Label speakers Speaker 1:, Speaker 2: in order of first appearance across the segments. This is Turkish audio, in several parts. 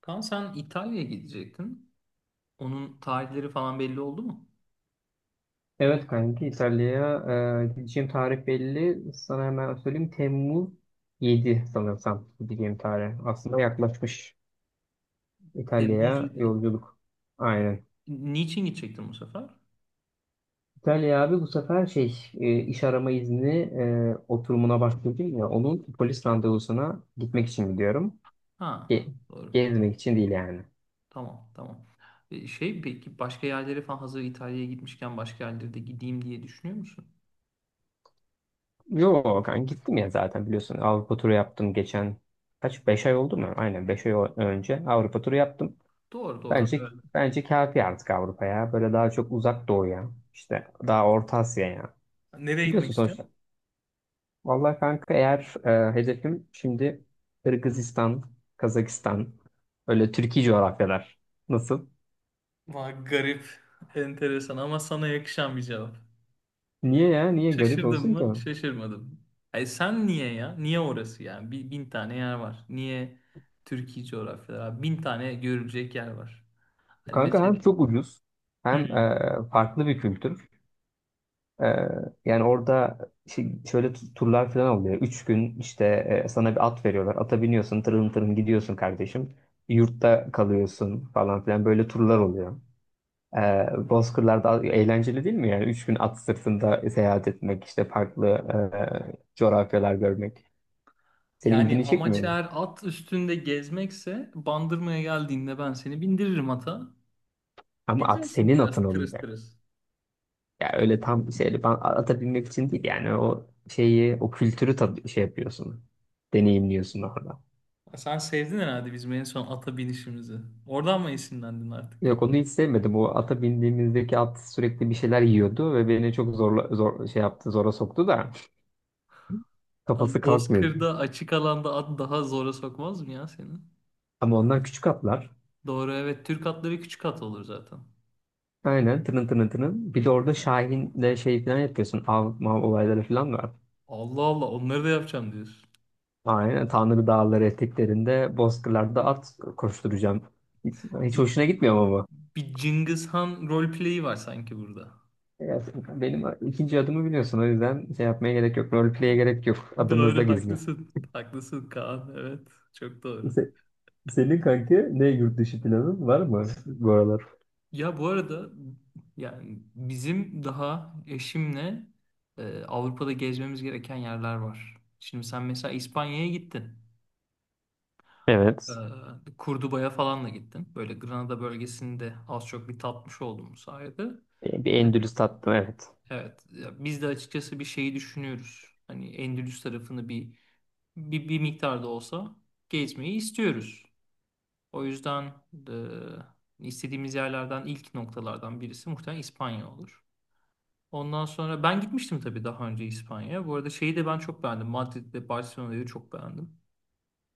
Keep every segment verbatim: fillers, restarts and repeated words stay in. Speaker 1: Kaan sen İtalya'ya gidecektin. Onun tarihleri falan belli oldu mu?
Speaker 2: Evet kanki İtalya'ya e, gideceğim tarih belli. Sana hemen söyleyeyim. Temmuz yedi sanırsam gideceğim tarih. Aslında yaklaşmış
Speaker 1: Temmuz
Speaker 2: İtalya'ya
Speaker 1: yedi.
Speaker 2: yolculuk. Aynen.
Speaker 1: Niçin gidecektin bu sefer?
Speaker 2: İtalya abi bu sefer şey e, iş arama izni e, oturumuna başlayacağım ya onun polis randevusuna gitmek için gidiyorum.
Speaker 1: Ha,
Speaker 2: Ge-
Speaker 1: doğru.
Speaker 2: Gezmek için değil yani.
Speaker 1: Tamam, tamam. E, Şey peki başka yerlere falan hazır İtalya'ya gitmişken başka yerlere de gideyim diye düşünüyor musun?
Speaker 2: Yo kanka gittim ya zaten biliyorsun Avrupa turu yaptım geçen kaç beş ay oldu mu? Aynen beş ay o- önce Avrupa turu yaptım.
Speaker 1: Doğru, doğru.
Speaker 2: Bence
Speaker 1: Evet.
Speaker 2: Bence kafi artık Avrupa'ya. Böyle daha çok uzak doğuya, işte daha Orta Asya'ya.
Speaker 1: Nereye gitmek
Speaker 2: Biliyorsun
Speaker 1: istiyorsun?
Speaker 2: sonuçta. Vallahi kanka eğer e, hedefim şimdi Kırgızistan, Kazakistan, öyle Türkiye coğrafyalar. Nasıl?
Speaker 1: Vay garip, enteresan ama sana yakışan bir cevap.
Speaker 2: Niye ya? Niye garip
Speaker 1: Şaşırdın
Speaker 2: olsun ki?
Speaker 1: mı? Şaşırmadım. Ay sen niye ya? Niye orası yani? Bir, bin tane yer var. Niye Türkiye coğrafyaları? Abi? Bin tane görülecek yer var. Hani
Speaker 2: Kanka
Speaker 1: mesela.
Speaker 2: hem çok ucuz hem
Speaker 1: Hmm.
Speaker 2: e, farklı bir kültür. Ee, Yani orada şey- şöyle tu- turlar falan oluyor. Üç gün işte e, sana bir at veriyorlar. Ata biniyorsun, tırın tırın gidiyorsun kardeşim. Yurtta kalıyorsun falan filan böyle turlar oluyor. Ee, Bozkırlar'da eğlenceli değil mi? Yani üç gün at sırtında seyahat etmek, işte farklı e, coğrafyalar görmek. Senin
Speaker 1: Yani
Speaker 2: ilgini çekmiyor
Speaker 1: amaç
Speaker 2: mu?
Speaker 1: eğer at üstünde gezmekse Bandırma'ya geldiğinde ben seni bindiririm ata.
Speaker 2: Ama at
Speaker 1: Gezersin
Speaker 2: senin atın
Speaker 1: biraz tırıs
Speaker 2: olacak.
Speaker 1: tırıs.
Speaker 2: Ya öyle tam şeyle ben ata binmek için değil yani o şeyi, o kültürü tad şey yapıyorsun, deneyimliyorsun orada.
Speaker 1: Ya sen sevdin herhalde bizim en son ata binişimizi. Oradan mı esinlendin artık?
Speaker 2: Yok onu hiç sevmedim. O ata bindiğimizdeki at sürekli bir şeyler yiyordu ve beni çok zorla, zor, şey yaptı, zora soktu da
Speaker 1: Ama
Speaker 2: kafası kalkmıyordu.
Speaker 1: Bozkır'da açık alanda at daha zora sokmaz mı ya seni?
Speaker 2: Ama onlar küçük atlar.
Speaker 1: Doğru, evet. Türk atları küçük at olur zaten.
Speaker 2: Aynen tının tının tının. Bir de orada
Speaker 1: Evet.
Speaker 2: Şahin'le şey falan yapıyorsun. Av, mav olayları falan var.
Speaker 1: Allah Allah, onları da yapacağım diyorsun.
Speaker 2: Aynen Tanrı dağları eteklerinde bozkırlarda at koşturacağım. Hiç, hiç
Speaker 1: Bir,
Speaker 2: hoşuna gitmiyor ama bu.
Speaker 1: bir Cengiz Han roleplay'i var sanki burada.
Speaker 2: Ya, benim ikinci adımı biliyorsun. O yüzden şey yapmaya gerek yok. Roleplay'e gerek yok. Adımızda
Speaker 1: Doğru,
Speaker 2: gizli.
Speaker 1: haklısın. Haklısın Kaan. Evet. Çok doğru.
Speaker 2: Se- Senin kanki ne yurt dışı planın var mı bu aralar?
Speaker 1: Ya bu arada yani bizim daha eşimle e, Avrupa'da gezmemiz gereken yerler var. Şimdi sen mesela İspanya'ya gittin. E,
Speaker 2: Evet.
Speaker 1: Kurduba'ya falan da gittin. Böyle Granada bölgesini de az çok bir tatmış oldum bu sayede.
Speaker 2: Bir bir Endülüs tattım evet.
Speaker 1: Evet, ya biz de açıkçası bir şeyi düşünüyoruz. Hani Endülüs tarafını bir bir, bir miktar olsa gezmeyi istiyoruz. O yüzden e, istediğimiz yerlerden ilk noktalardan birisi muhtemelen İspanya olur. Ondan sonra ben gitmiştim tabii daha önce İspanya'ya. Bu arada şeyi de ben çok beğendim. Madrid'de Barcelona'yı çok beğendim.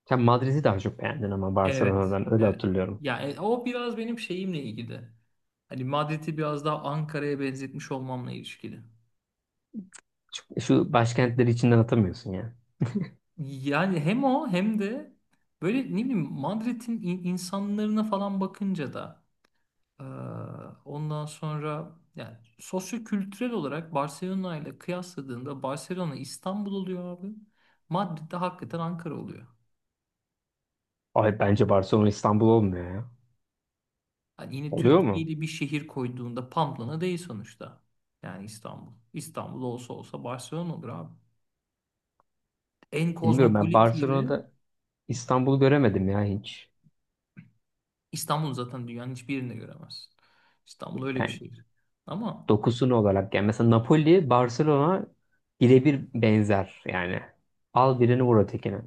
Speaker 2: Sen Madrid'i daha çok beğendin ama
Speaker 1: Evet,
Speaker 2: Barcelona'dan öyle
Speaker 1: evet.
Speaker 2: hatırlıyorum.
Speaker 1: Yani o biraz benim şeyimle ilgili. Hani Madrid'i biraz daha Ankara'ya benzetmiş olmamla ilişkili.
Speaker 2: Şu, şu başkentleri içinden atamıyorsun ya.
Speaker 1: Yani hem o hem de böyle ne bileyim Madrid'in in- insanlarına falan bakınca da eee, ondan sonra yani sosyokültürel olarak Barcelona ile kıyasladığında Barcelona İstanbul oluyor abi. Madrid de hakikaten Ankara oluyor.
Speaker 2: Ay bence Barcelona İstanbul olmuyor ya.
Speaker 1: Hani yine
Speaker 2: Oluyor
Speaker 1: Türkiye
Speaker 2: mu?
Speaker 1: ile bir şehir koyduğunda Pamplona değil sonuçta. Yani İstanbul. İstanbul olsa olsa Barcelona olur abi. En
Speaker 2: Bilmiyorum ben
Speaker 1: kozmopolit yeri
Speaker 2: Barcelona'da İstanbul'u göremedim ya hiç.
Speaker 1: İstanbul, zaten dünyanın hiçbir yerinde göremezsin. İstanbul öyle bir
Speaker 2: Yani
Speaker 1: şehir. Ama
Speaker 2: dokusunu olarak yani mesela Napoli Barcelona birebir benzer yani. Al birini vur ötekine.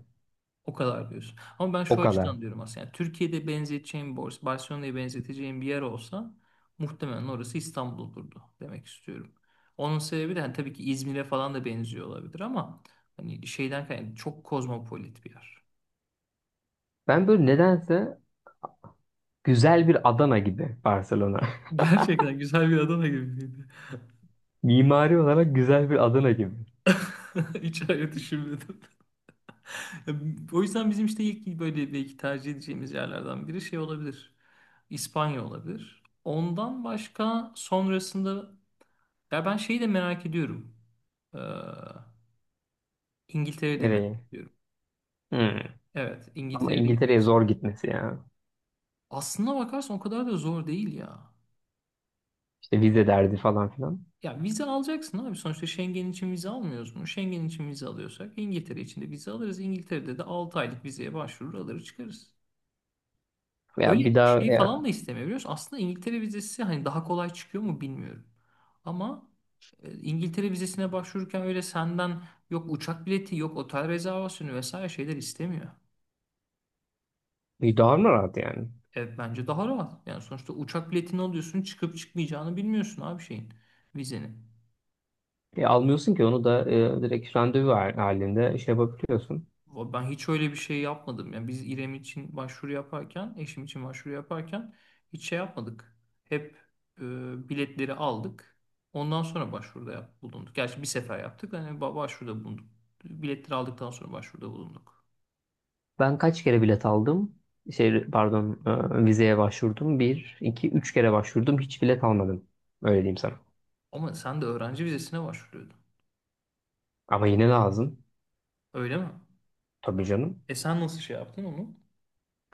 Speaker 1: o kadar diyorsun. Ama ben
Speaker 2: O
Speaker 1: şu
Speaker 2: kadar.
Speaker 1: açıdan diyorum aslında. Yani Türkiye'de benzeteceğim borsa, Barcelona'ya benzeteceğim bir yer olsa muhtemelen orası İstanbul olurdu demek istiyorum. Onun sebebi de hani tabii ki İzmir'e falan da benziyor olabilir ama hani şeyden kaynaklı çok kozmopolit bir yer.
Speaker 2: Ben böyle nedense güzel bir Adana gibi Barcelona.
Speaker 1: Gerçekten güzel bir Adana gibiydi.
Speaker 2: Mimari olarak güzel bir Adana gibi.
Speaker 1: Hiç öyle düşünmedim. O yüzden bizim işte ilk böyle belki tercih edeceğimiz yerlerden biri şey olabilir. İspanya olabilir. Ondan başka sonrasında ya ben şeyi de merak ediyorum. Ee, İngiltere'yi de merak
Speaker 2: Nereye?
Speaker 1: ediyorum.
Speaker 2: Hmm.
Speaker 1: Evet,
Speaker 2: Ama
Speaker 1: İngiltere'de gitmek
Speaker 2: İngiltere'ye zor
Speaker 1: isterim.
Speaker 2: gitmesi ya.
Speaker 1: Aslına bakarsan o kadar da zor değil ya.
Speaker 2: İşte vize derdi falan filan.
Speaker 1: Ya vize alacaksın abi. Sonuçta Schengen için vize almıyoruz mu? Schengen için vize alıyorsak İngiltere için de vize alırız. İngiltere'de de altı aylık vizeye başvurur alır çıkarız.
Speaker 2: Ya
Speaker 1: Öyle
Speaker 2: bir daha
Speaker 1: şey falan
Speaker 2: ya,
Speaker 1: da istemiyor biliyor musun? Aslında İngiltere vizesi hani daha kolay çıkıyor mu bilmiyorum. Ama e, İngiltere vizesine başvururken öyle senden yok uçak bileti yok otel rezervasyonu vesaire şeyler istemiyor.
Speaker 2: bir daha mı rahat yani?
Speaker 1: Evet, bence daha rahat. Yani sonuçta uçak biletini alıyorsun çıkıp çıkmayacağını bilmiyorsun abi şeyin vizenin.
Speaker 2: E, almıyorsun ki onu da e, direkt randevu hal- halinde şey yapabiliyorsun.
Speaker 1: Ben hiç öyle bir şey yapmadım. Yani biz İrem için başvuru yaparken, eşim için başvuru yaparken hiç şey yapmadık. Hep e, biletleri aldık. Ondan sonra başvuruda yap- bulunduk. Gerçi bir sefer yaptık. Hani ba- başvuruda bulunduk. Biletleri aldıktan sonra başvuruda bulunduk.
Speaker 2: Ben kaç kere bilet aldım? Şey pardon e, vizeye başvurdum. Bir, iki, üç kere başvurdum. Hiç bilet almadım. Öyle diyeyim sana.
Speaker 1: Ama sen de öğrenci vizesine başvuruyordun.
Speaker 2: Ama yine lazım.
Speaker 1: Öyle mi?
Speaker 2: Tabii canım.
Speaker 1: E sen nasıl şey yaptın onu?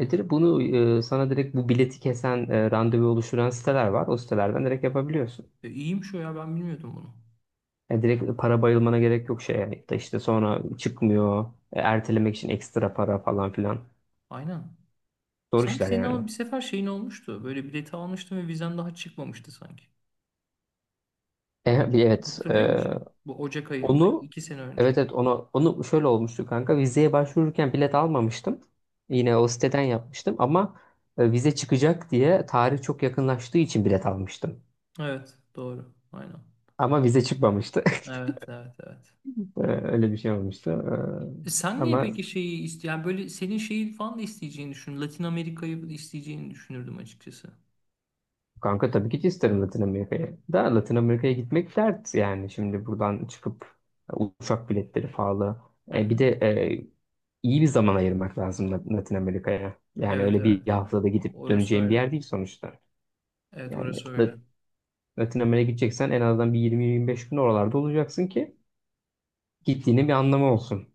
Speaker 2: E direkt bunu e, sana direkt bu bileti kesen e, randevu oluşturan siteler var. O sitelerden direkt yapabiliyorsun.
Speaker 1: E, iyiymiş o ya, ben bilmiyordum bunu.
Speaker 2: Yani direkt para bayılmana gerek yok şey yani. Da işte sonra çıkmıyor. e, Ertelemek için ekstra para falan filan.
Speaker 1: Aynen.
Speaker 2: Zor
Speaker 1: Sanki
Speaker 2: işler
Speaker 1: senin ama
Speaker 2: yani.
Speaker 1: bir sefer şeyin olmuştu. Böyle bileti almıştın ve vizen daha çıkmamıştı sanki.
Speaker 2: E, bir evet.
Speaker 1: Hatırlıyor
Speaker 2: e,
Speaker 1: musun? Bu Ocak ayında
Speaker 2: onu
Speaker 1: iki sene önce.
Speaker 2: Evet, evet, onu onu şöyle olmuştu kanka. Vizeye başvururken bilet almamıştım. Yine o siteden yapmıştım ama e, vize çıkacak diye tarih çok yakınlaştığı için bilet almıştım.
Speaker 1: Evet, doğru. Aynen.
Speaker 2: Ama vize çıkmamıştı.
Speaker 1: Evet, evet, evet.
Speaker 2: E, Öyle bir şey olmuştu.
Speaker 1: E Sen
Speaker 2: E,
Speaker 1: niye
Speaker 2: Ama
Speaker 1: peki şeyi iste yani böyle senin şeyi falan da isteyeceğini düşün. Latin Amerika'yı da isteyeceğini düşünürdüm açıkçası.
Speaker 2: kanka tabii ki isterim Latin Amerika'ya. Da Latin Amerika'ya gitmek dert yani. Şimdi buradan çıkıp e, uçak biletleri pahalı.
Speaker 1: Hı
Speaker 2: E, bir
Speaker 1: hı.
Speaker 2: de e, iyi bir zaman ayırmak lazım Lat- Latin Amerika'ya. Yani
Speaker 1: Evet,
Speaker 2: öyle bir
Speaker 1: evet.
Speaker 2: haftada gidip
Speaker 1: Orası
Speaker 2: döneceğim bir
Speaker 1: öyle.
Speaker 2: yer değil sonuçta.
Speaker 1: Evet,
Speaker 2: Yani
Speaker 1: orası öyle.
Speaker 2: Lat- Latin Amerika'ya gideceksen en azından bir yirmi yirmi beş gün oralarda olacaksın ki gittiğinin bir anlamı olsun.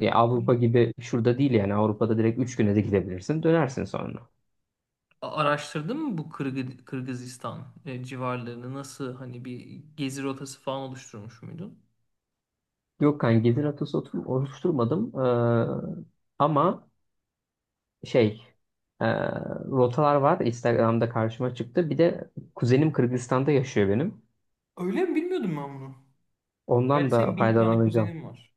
Speaker 2: Ya Avrupa gibi şurada değil yani Avrupa'da direkt üç güne de gidebilirsin dönersin sonra.
Speaker 1: A- Araştırdın mı bu Kırgı- Kırgızistan e, civarlarını, nasıl hani bir gezi rotası falan oluşturmuş muydun?
Speaker 2: Yok kanka gelir atası otur- oluşturmadım. Ee, ama şey e, rotalar var Instagram'da karşıma çıktı. Bir de kuzenim Kırgızistan'da yaşıyor benim.
Speaker 1: Öyle mi, bilmiyordum ben bunu. Gerçi
Speaker 2: Ondan da
Speaker 1: senin bin tane
Speaker 2: faydalanacağım.
Speaker 1: kuzenin var.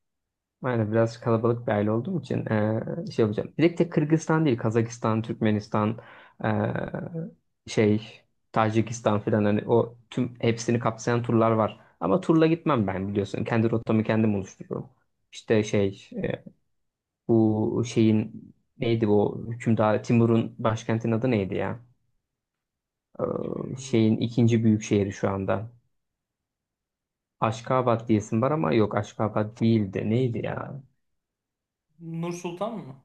Speaker 2: Aynen biraz kalabalık bir aile olduğum için e, şey yapacağım. Bir de tek Kırgızistan değil Kazakistan, Türkmenistan, e, şey Tacikistan falan hani o tüm hepsini kapsayan turlar var. Ama turla gitmem ben biliyorsun. Kendi rotamı kendim oluştururum. İşte şey e, bu şeyin neydi bu hükümdar Timur'un başkentinin adı neydi ya? Ee,
Speaker 1: Hiç bilmiyorum.
Speaker 2: şeyin ikinci büyük şehri şu anda. Aşkabat diyesim var ama yok Aşkabat değildi. Neydi ya?
Speaker 1: Nur Sultan mı?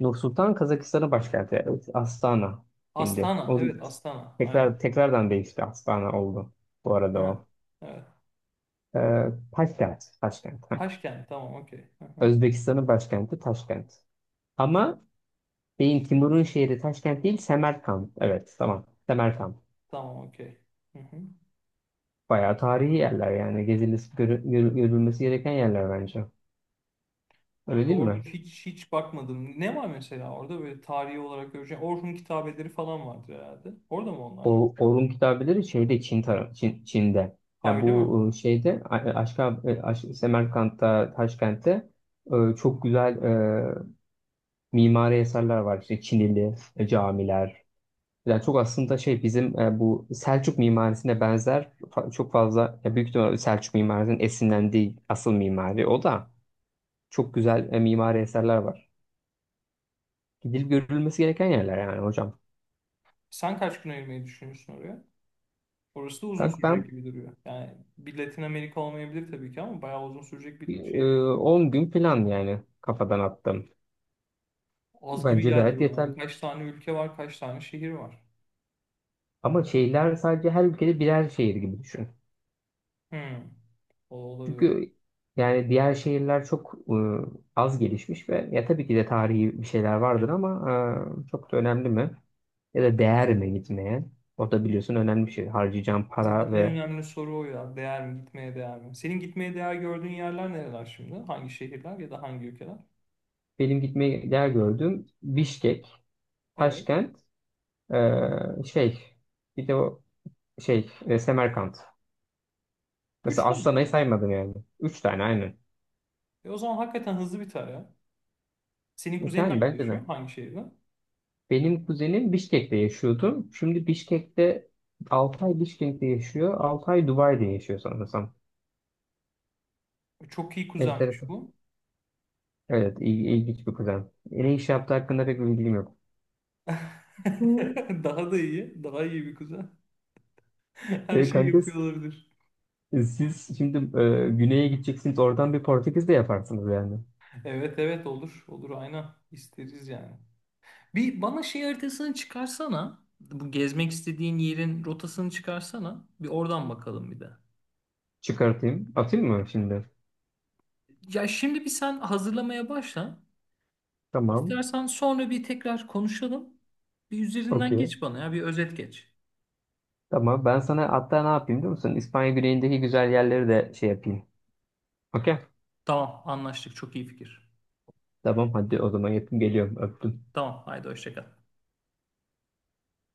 Speaker 2: Nur Sultan Kazakistan'ın başkenti. Evet, Astana şimdi.
Speaker 1: Astana.
Speaker 2: O
Speaker 1: Evet, Astana. Aynen.
Speaker 2: tekrar tekrardan değişti. Astana oldu bu arada
Speaker 1: Ha.
Speaker 2: o.
Speaker 1: Evet.
Speaker 2: Ee, Taşkent. Taşkent. Heh.
Speaker 1: Taşkent. Tamam, okey. Hı hı.
Speaker 2: Özbekistan'ın başkenti Taşkent. Ama beyin Timur'un şehri Taşkent değil Semerkant. Evet tamam. Semerkant.
Speaker 1: Tamam, okey. Hı hı.
Speaker 2: Bayağı tarihi yerler yani gezilmesi, görü- görü- görülmesi gereken yerler bence. Öyle değil
Speaker 1: Doğru,
Speaker 2: mi?
Speaker 1: hiç hiç bakmadım. Ne var mesela orada böyle tarihi olarak göreceğim. Orhun kitabeleri falan vardır herhalde. Orada mı onlar?
Speaker 2: O Orhun kitabeleri şeyde Çin tarafı Çin, Çin'de.
Speaker 1: Ha,
Speaker 2: Yani
Speaker 1: öyle mi?
Speaker 2: bu e, şeyde A- e, Aşka, e, Aş Semerkant'ta, Taşkent'te e, çok güzel e, mimari eserler var. İşte Çinili e, camiler. Yani çok aslında şey bizim e, bu Selçuk mimarisine benzer fa- çok fazla ya büyük ihtimalle Selçuk mimarisinin esinlendiği asıl mimari o da çok güzel e, mimari eserler var. Gidilip görülmesi gereken yerler yani hocam.
Speaker 1: Sen kaç gün ayırmayı düşünüyorsun oraya? Orası da uzun
Speaker 2: Kanka
Speaker 1: sürecek
Speaker 2: ben
Speaker 1: gibi duruyor. Yani bir Latin Amerika olmayabilir tabii ki ama bayağı uzun sürecek bir
Speaker 2: e,
Speaker 1: şeye benziyor.
Speaker 2: on gün plan yani kafadan attım.
Speaker 1: Az gibi
Speaker 2: Bence
Speaker 1: geldi
Speaker 2: gayet
Speaker 1: bana ya.
Speaker 2: yeterli.
Speaker 1: Kaç tane ülke var, kaç tane şehir var.
Speaker 2: Ama şehirler sadece her ülkede birer şehir gibi düşün.
Speaker 1: Hmm. O olabilir.
Speaker 2: Çünkü yani diğer şehirler çok e, az gelişmiş ve ya tabii ki de tarihi bir şeyler vardır ama e, çok da önemli mi? Ya da değer mi gitmeye? O da biliyorsun önemli bir şey. Harcayacağım
Speaker 1: Zaten
Speaker 2: para
Speaker 1: en
Speaker 2: ve
Speaker 1: önemli soru o ya. Değer mi? Gitmeye değer mi? Senin gitmeye değer gördüğün yerler nereler şimdi? Hangi şehirler ya da hangi ülkeler?
Speaker 2: benim gitmeyi değer gördüğüm Bişkek,
Speaker 1: Evet.
Speaker 2: Taşkent, e, şey bir de o şey e, Semerkant.
Speaker 1: Üç
Speaker 2: Mesela
Speaker 1: tane mi
Speaker 2: Astana'yı
Speaker 1: yani.
Speaker 2: saymadım yani. Üç tane aynen.
Speaker 1: E o zaman hakikaten hızlı biter ya. Senin kuzenin
Speaker 2: Yani
Speaker 1: nerede
Speaker 2: bence de.
Speaker 1: yaşıyor? Hangi şehirde?
Speaker 2: Benim kuzenim Bişkek'te yaşıyordu. Şimdi Bişkek'te altı ay Bişkek'te yaşıyor. altı ay Dubai'de yaşıyor sanırsam.
Speaker 1: E, Çok iyi kuzenmiş
Speaker 2: Enteresan.
Speaker 1: bu.
Speaker 2: Evet, il- ilginç bir kuzen. Ne iş yaptığı hakkında pek bir bilgim yok. Hı.
Speaker 1: Daha da iyi. Daha iyi bir kuzen.
Speaker 2: E
Speaker 1: Her şeyi
Speaker 2: kanka
Speaker 1: yapıyor olabilir.
Speaker 2: siz şimdi e, güneye gideceksiniz. Oradan bir Portekiz de yaparsınız yani.
Speaker 1: Evet, evet, olur. Olur, aynen. İsteriz yani. Bir bana şey haritasını çıkarsana. Bu gezmek istediğin yerin rotasını çıkarsana. Bir oradan bakalım bir de.
Speaker 2: Çıkartayım. Atayım mı şimdi?
Speaker 1: Ya şimdi bir sen hazırlamaya başla.
Speaker 2: Tamam.
Speaker 1: İstersen sonra bir tekrar konuşalım. Bir üzerinden
Speaker 2: Okey.
Speaker 1: geç bana ya, bir özet geç.
Speaker 2: Tamam. Ben sana hatta ne yapayım biliyor musun? İspanya güneyindeki güzel yerleri de şey yapayım. Okey.
Speaker 1: Tamam, anlaştık, çok iyi fikir.
Speaker 2: Tamam hadi o zaman yapayım. Geliyorum. Öptüm.
Speaker 1: Tamam, haydi hoşça kal.